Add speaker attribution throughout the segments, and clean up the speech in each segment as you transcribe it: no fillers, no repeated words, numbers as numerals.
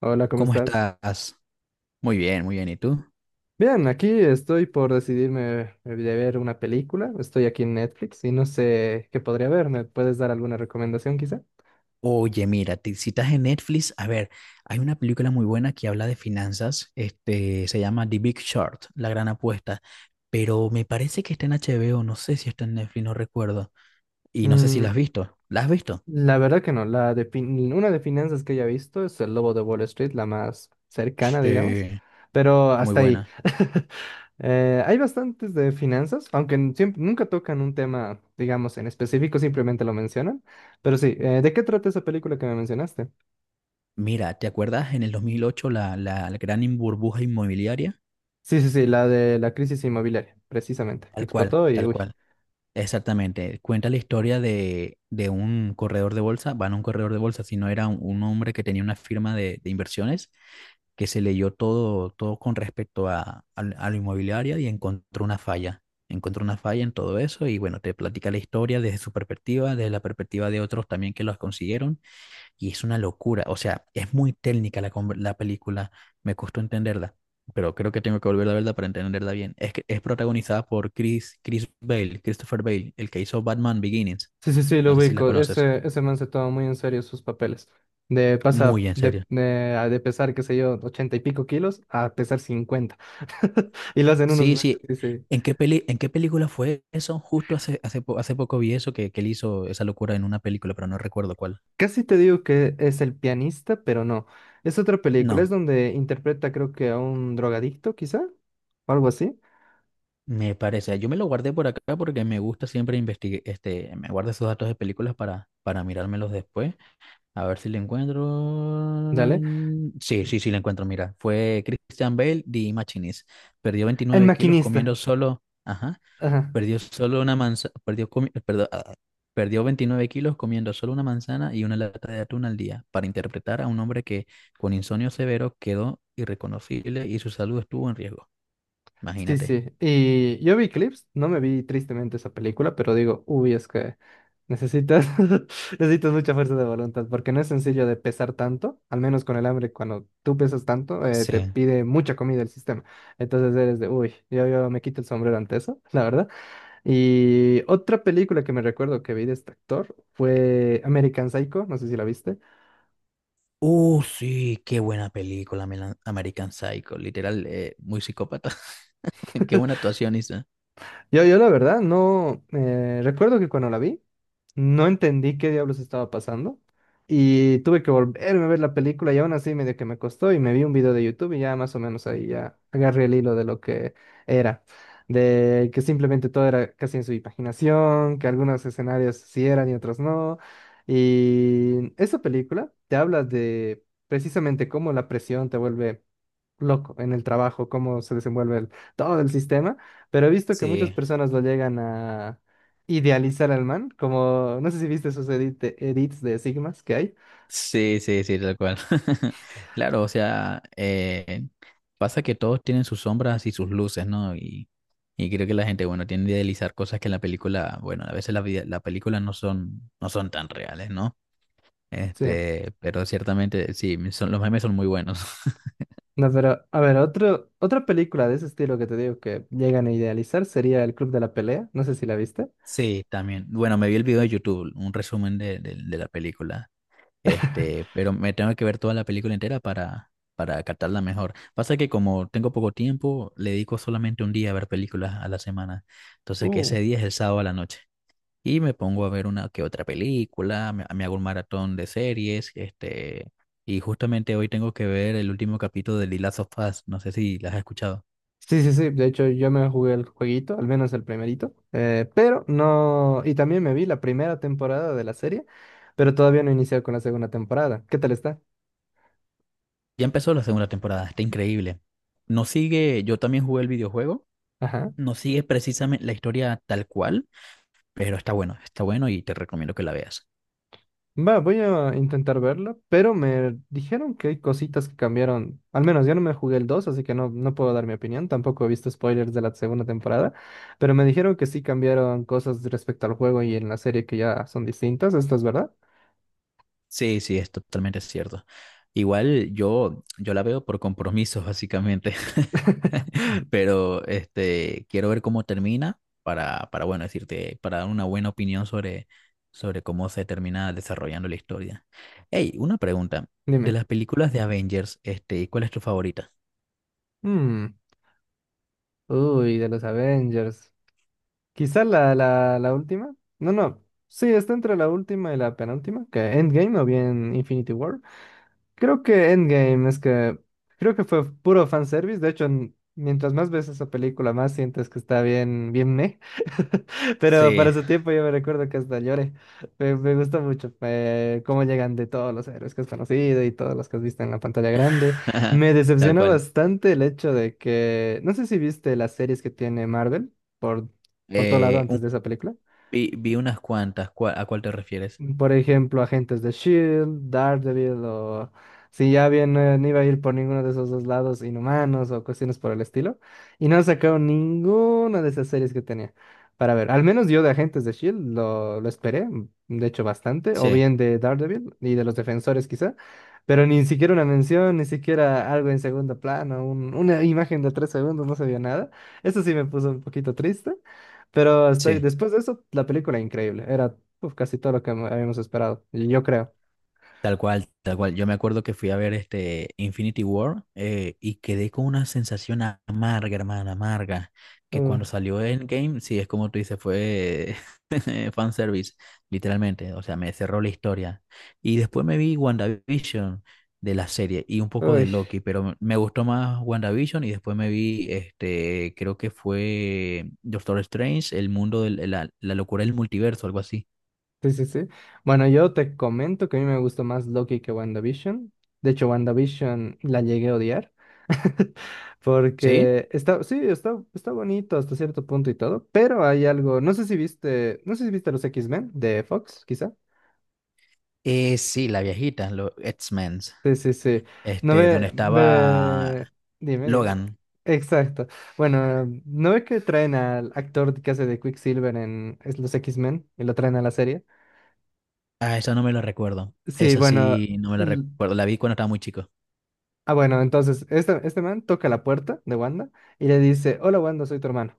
Speaker 1: Hola, ¿cómo
Speaker 2: ¿Cómo
Speaker 1: estás?
Speaker 2: estás? Muy bien, muy bien. ¿Y tú?
Speaker 1: Bien, aquí estoy por decidirme de ver una película. Estoy aquí en Netflix y no sé qué podría ver. ¿Me puedes dar alguna recomendación quizá?
Speaker 2: Oye, mira, te, si estás en Netflix, a ver, hay una película muy buena que habla de finanzas, este, se llama The Big Short, La Gran Apuesta, pero me parece que está en HBO, no sé si está en Netflix, no recuerdo, y no sé si
Speaker 1: Mm.
Speaker 2: la has visto. ¿La has visto?
Speaker 1: La verdad que no. Una de finanzas que haya visto es El Lobo de Wall Street, la más cercana, digamos.
Speaker 2: Sí,
Speaker 1: Pero
Speaker 2: muy
Speaker 1: hasta ahí.
Speaker 2: buena.
Speaker 1: Hay bastantes de finanzas, aunque nunca tocan un tema, digamos, en específico, simplemente lo mencionan. Pero sí, ¿de qué trata esa película que me mencionaste?
Speaker 2: Mira, ¿te acuerdas en el 2008 la gran in- burbuja inmobiliaria?
Speaker 1: Sí, sí, sí, la de la crisis inmobiliaria, precisamente, que
Speaker 2: Tal cual,
Speaker 1: explotó y
Speaker 2: tal
Speaker 1: uy.
Speaker 2: cual. Exactamente, cuenta la historia de un corredor de bolsa, va a un corredor de bolsa, sino era un hombre que tenía una firma de inversiones que se leyó todo, todo con respecto a la inmobiliaria y encontró una falla en todo eso y bueno, te platica la historia desde su perspectiva, desde la perspectiva de otros también que los consiguieron y es una locura, o sea, es muy técnica la, conver- la película, me costó entenderla, pero creo que tengo que volver a verla para entenderla bien. Es, que- es protagonizada por Chris, Chris Bale, Christopher Bale, el que hizo Batman Beginnings,
Speaker 1: Sí, sí, sí, lo
Speaker 2: no sé si la
Speaker 1: ubico.
Speaker 2: conoces,
Speaker 1: Ese man se toma muy en serio sus papeles. De pasa
Speaker 2: muy en serio.
Speaker 1: a de pesar, qué sé yo, 80 y pico kilos a pesar 50. Y lo hacen unos
Speaker 2: Sí,
Speaker 1: lentes,
Speaker 2: sí,
Speaker 1: sí, sí.
Speaker 2: ¿en qué peli, en qué película fue eso? Justo hace, hace, po- hace poco vi eso, que él hizo esa locura en una película, pero no recuerdo cuál.
Speaker 1: Casi te digo que es el pianista, pero no. Es otra película,
Speaker 2: No,
Speaker 1: es donde interpreta creo que a un drogadicto, quizá, o algo así.
Speaker 2: me parece. Yo me lo guardé por acá porque me gusta siempre investigar, este, me guardo esos datos de películas para mirármelos después. A ver si le encuentro.
Speaker 1: Dale.
Speaker 2: Sí, sí, sí, le encuentro. Mira, fue Christian Bale de Machinist. Perdió
Speaker 1: El
Speaker 2: 29 kilos
Speaker 1: maquinista.
Speaker 2: comiendo solo. Ajá.
Speaker 1: Ajá.
Speaker 2: Perdió solo una manzana. Perdió, comi- perdón, ah, perdió 29 kilos comiendo solo una manzana y una lata de atún al día para interpretar a un hombre que con insomnio severo quedó irreconocible y su salud estuvo en riesgo.
Speaker 1: Sí,
Speaker 2: Imagínate.
Speaker 1: sí. Y yo vi clips, no me vi tristemente esa película, pero digo, uy, es que necesitas, necesitas mucha fuerza de voluntad, porque no es sencillo de pesar tanto, al menos con el hambre, cuando tú pesas tanto,
Speaker 2: Sí.
Speaker 1: te pide mucha comida el sistema. Entonces eres de, uy, yo me quito el sombrero ante eso, la verdad. Y otra película que me recuerdo que vi de este actor fue American Psycho, no sé si la viste.
Speaker 2: Sí, qué buena película, Melan- American Psycho. Literal, muy psicópata. Qué buena actuación, Isa.
Speaker 1: Yo, la verdad, no. Eh, recuerdo que cuando la vi no entendí qué diablos estaba pasando y tuve que volverme a ver la película, y aún así medio que me costó, y me vi un video de YouTube, y ya más o menos ahí ya agarré el hilo de lo que era, de que simplemente todo era casi en su imaginación, que algunos escenarios sí eran y otros no. Y esa película te habla de precisamente cómo la presión te vuelve loco en el trabajo, cómo se desenvuelve todo el sistema, pero he visto que muchas
Speaker 2: Sí,
Speaker 1: personas lo llegan a idealizar al man, como no sé si viste esos edits de Sigmas que hay.
Speaker 2: sí, sí, sí, tal cual. Claro, o sea, pasa que todos tienen sus sombras y sus luces, ¿no? Y creo que la gente, bueno, tiende a idealizar cosas que en la película, bueno, a veces la, vida- la película no son, no son tan reales, ¿no?
Speaker 1: Sí.
Speaker 2: Pero ciertamente, sí, son, los memes son muy buenos.
Speaker 1: No, pero a ver, otra película de ese estilo que te digo que llegan a idealizar sería El Club de la Pelea, no sé si la viste.
Speaker 2: Sí, también. Bueno, me vi el video de YouTube, un resumen de la película. Pero me tengo que ver toda la película entera para captarla mejor. Pasa que como tengo poco tiempo, le dedico solamente un día a ver películas a la semana. Entonces, que
Speaker 1: Uh.
Speaker 2: ese día es el sábado a la noche. Y me pongo a ver una que otra película, me hago un maratón de series, y justamente hoy tengo que ver el último capítulo de The Last of Us. No sé si las has escuchado.
Speaker 1: Sí, sí, sí. De hecho, yo me jugué el jueguito, al menos el primerito. Pero no. Y también me vi la primera temporada de la serie, pero todavía no he iniciado con la segunda temporada. ¿Qué tal está?
Speaker 2: Ya empezó la segunda temporada, está increíble. No sigue, yo también jugué el videojuego,
Speaker 1: Ajá.
Speaker 2: no sigue precisamente la historia tal cual. Pero está bueno y te recomiendo que la veas.
Speaker 1: Va, voy a intentar verla, pero me dijeron que hay cositas que cambiaron. Al menos yo no me jugué el dos, así que no, no puedo dar mi opinión. Tampoco he visto spoilers de la segunda temporada, pero me dijeron que sí cambiaron cosas respecto al juego y en la serie que ya son distintas. ¿Esto es verdad?
Speaker 2: Sí, sí, es totalmente cierto. Igual yo, yo la veo por compromisos, básicamente. Pero quiero ver cómo termina para, bueno, decirte, para dar una buena opinión sobre, sobre cómo se termina desarrollando la historia. Hey, una pregunta. De
Speaker 1: Dime.
Speaker 2: las películas de Avengers, ¿cuál es tu favorita?
Speaker 1: Mm. Uy, de los Avengers. Quizá la última. No, no. Sí, está entre la última y la penúltima, que Endgame o bien Infinity War. Creo que Endgame, es que creo que fue puro fanservice. De hecho, mientras más ves esa película, más sientes que está bien, bien meh. Pero
Speaker 2: Sí,
Speaker 1: para su tiempo yo me recuerdo que hasta lloré. Me gusta mucho, cómo llegan de todos los héroes que has conocido y todos los que has visto en la pantalla grande. Me
Speaker 2: tal
Speaker 1: decepciona
Speaker 2: cual.
Speaker 1: bastante el hecho de que, no sé si viste las series que tiene Marvel por, por todo lado
Speaker 2: Eh, un-
Speaker 1: antes de esa película.
Speaker 2: vi, vi unas cuantas. ¿Cuál- ¿A cuál te refieres?
Speaker 1: Por ejemplo, agentes de Shield, Daredevil, o si ya bien, no iba a ir por ninguno de esos dos lados, Inhumanos o cuestiones por el estilo. Y no sacaron ninguna de esas series que tenía. Para ver, al menos yo de agentes de Shield lo esperé, de hecho bastante, o
Speaker 2: Sí,
Speaker 1: bien de Daredevil y de los defensores quizá, pero ni siquiera una mención, ni siquiera algo en segundo plano, una imagen de 3 segundos, no se vio nada. Eso sí me puso un poquito triste. Pero estoy,
Speaker 2: sí.
Speaker 1: después de eso, la película increíble. Era casi todo lo que habíamos esperado, y yo creo.
Speaker 2: Tal cual, tal cual. Yo me acuerdo que fui a ver este Infinity War y quedé con una sensación a- amarga, hermana, amarga, que
Speaker 1: Uh,
Speaker 2: cuando salió Endgame, sí, es como tú dices, fue fanservice, literalmente. O sea, me cerró la historia. Y después me vi WandaVision de la serie y un poco de
Speaker 1: Uy,
Speaker 2: Loki, pero me gustó más WandaVision y después me vi, este, creo que fue Doctor Strange, el mundo, de la, la locura del multiverso, algo así.
Speaker 1: sí, sí, sí. Bueno, yo te comento que a mí me gustó más Loki que WandaVision. De hecho, WandaVision la llegué a odiar.
Speaker 2: ¿Sí?
Speaker 1: Porque está, sí, está bonito hasta cierto punto y todo, pero hay algo, no sé si viste los X-Men de Fox, quizá.
Speaker 2: Sí, la viejita, los X-Men.
Speaker 1: Sí, sí, sí. No
Speaker 2: Este, donde
Speaker 1: ve,
Speaker 2: estaba
Speaker 1: ve- Dime, dime.
Speaker 2: Logan.
Speaker 1: Exacto. Bueno, ¿no ve que traen al actor que hace de Quicksilver en los X-Men y lo traen a la serie?
Speaker 2: Ah, esa no me la recuerdo.
Speaker 1: Sí,
Speaker 2: Esa
Speaker 1: bueno.
Speaker 2: sí no me la
Speaker 1: l-
Speaker 2: recuerdo. La vi cuando estaba muy chico.
Speaker 1: Ah, bueno, entonces, este man toca la puerta de Wanda y le dice: Hola, Wanda, soy tu hermano.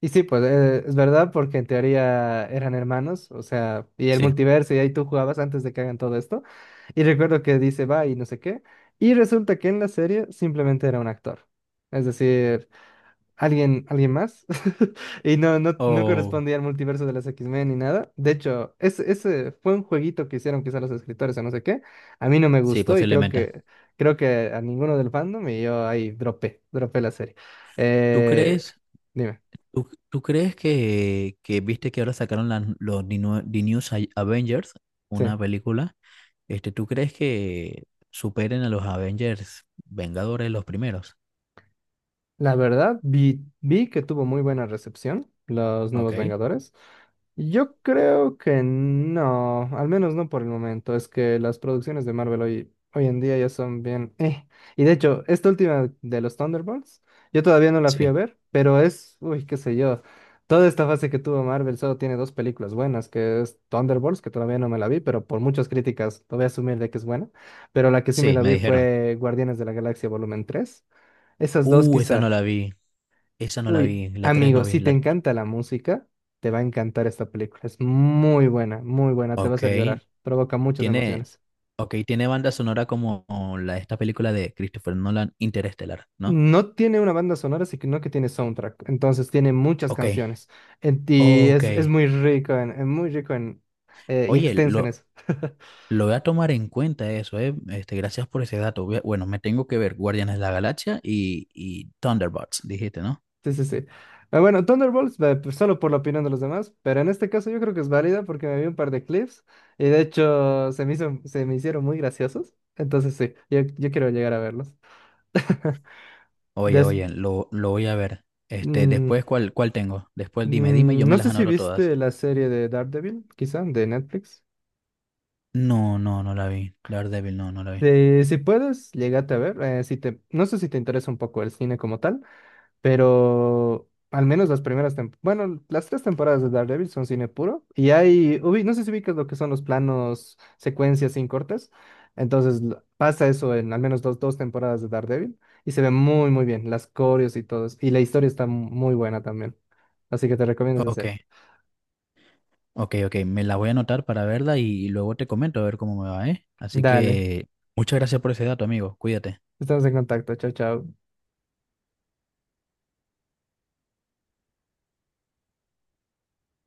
Speaker 1: Y sí, pues es verdad, porque en teoría eran hermanos, o sea, y el
Speaker 2: Sí.
Speaker 1: multiverso, y ahí tú jugabas antes de que hagan todo esto. Y recuerdo que dice va y no sé qué. Y resulta que en la serie simplemente era un actor. Es decir, alguien, alguien más. Y no, no, no
Speaker 2: O
Speaker 1: correspondía al multiverso de las X-Men ni nada. De hecho, ese fue un jueguito que hicieron quizá los escritores o no sé qué. A mí no me
Speaker 2: sí,
Speaker 1: gustó y creo
Speaker 2: posiblemente.
Speaker 1: que, creo que a ninguno del fandom, y yo ahí dropé la serie.
Speaker 2: ¿Tú
Speaker 1: Eh,
Speaker 2: crees,
Speaker 1: Dime.
Speaker 2: tú crees que viste que ahora sacaron la- los The New, The New Sa- Avengers,
Speaker 1: Sí.
Speaker 2: una película? ¿Tú crees que superen a los Avengers Vengadores los primeros?
Speaker 1: La verdad, vi que tuvo muy buena recepción los
Speaker 2: Ok.
Speaker 1: nuevos Vengadores. Yo creo que no, al menos no por el momento. Es que las producciones de Marvel hoy en día ya son bien, Y de hecho, esta última de los Thunderbolts, yo todavía no la fui a
Speaker 2: Sí.
Speaker 1: ver, pero es, uy, qué sé yo. Toda esta fase que tuvo Marvel solo tiene dos películas buenas, que es Thunderbolts, que todavía no me la vi, pero por muchas críticas lo voy a asumir de que es buena. Pero la que sí me
Speaker 2: Sí,
Speaker 1: la
Speaker 2: me
Speaker 1: vi
Speaker 2: dijeron.
Speaker 1: fue Guardianes de la Galaxia Volumen 3. Esas dos
Speaker 2: Esa
Speaker 1: quizá.
Speaker 2: no la vi. Esa no la
Speaker 1: Uy,
Speaker 2: vi. La 3
Speaker 1: amigo,
Speaker 2: no vi.
Speaker 1: si te
Speaker 2: La...
Speaker 1: encanta la música, te va a encantar esta película. Es muy buena, te va a
Speaker 2: Ok.
Speaker 1: hacer llorar, provoca muchas
Speaker 2: Tiene,
Speaker 1: emociones.
Speaker 2: ok, tiene banda sonora como la esta película de Christopher Nolan, Interestelar, ¿no?
Speaker 1: No tiene una banda sonora, sino que tiene soundtrack, entonces tiene muchas
Speaker 2: Ok,
Speaker 1: canciones. En ti
Speaker 2: ok.
Speaker 1: es muy rico, muy rico en, y
Speaker 2: Oye,
Speaker 1: extensa en eso.
Speaker 2: lo voy a tomar en cuenta eso, ¿eh? Gracias por ese dato. Voy a- Bueno, me tengo que ver Guardianes de la Galaxia y Thunderbolts, dijiste, ¿no?
Speaker 1: Sí, sí, sí. Ah, bueno, Thunderbolts, pues, solo por la opinión de los demás, pero en este caso yo creo que es válida porque me vi un par de clips y de hecho se me hizo, se me hicieron muy graciosos, entonces sí, yo quiero llegar a verlos.
Speaker 2: Oye,
Speaker 1: Des-
Speaker 2: oye, lo voy a ver.
Speaker 1: mm,
Speaker 2: Después, ¿cuál, cuál tengo? Después dime, dime y yo me
Speaker 1: no
Speaker 2: las
Speaker 1: sé si
Speaker 2: anoto todas.
Speaker 1: viste la serie de Daredevil, quizá, de Netflix.
Speaker 2: No, no, no la vi. Daredevil, no, no la vi.
Speaker 1: Si puedes, llégate a ver. No sé si te interesa un poco el cine como tal, pero al menos las primeras temporadas, bueno, las tres temporadas de Daredevil son cine puro. Y hay, no sé si ubicas lo que son los planos, secuencias sin cortes. Entonces pasa eso en al menos dos temporadas de Daredevil y se ve muy, muy bien, las coreos y todo eso. Y la historia está muy buena también. Así que te recomiendo esa
Speaker 2: Ok.
Speaker 1: serie.
Speaker 2: Ok, ok, me la voy a anotar para verla y luego te comento a ver cómo me va, ¿eh? Así
Speaker 1: Dale.
Speaker 2: que muchas gracias por ese dato, amigo. Cuídate.
Speaker 1: Estamos en contacto. Chao, chao.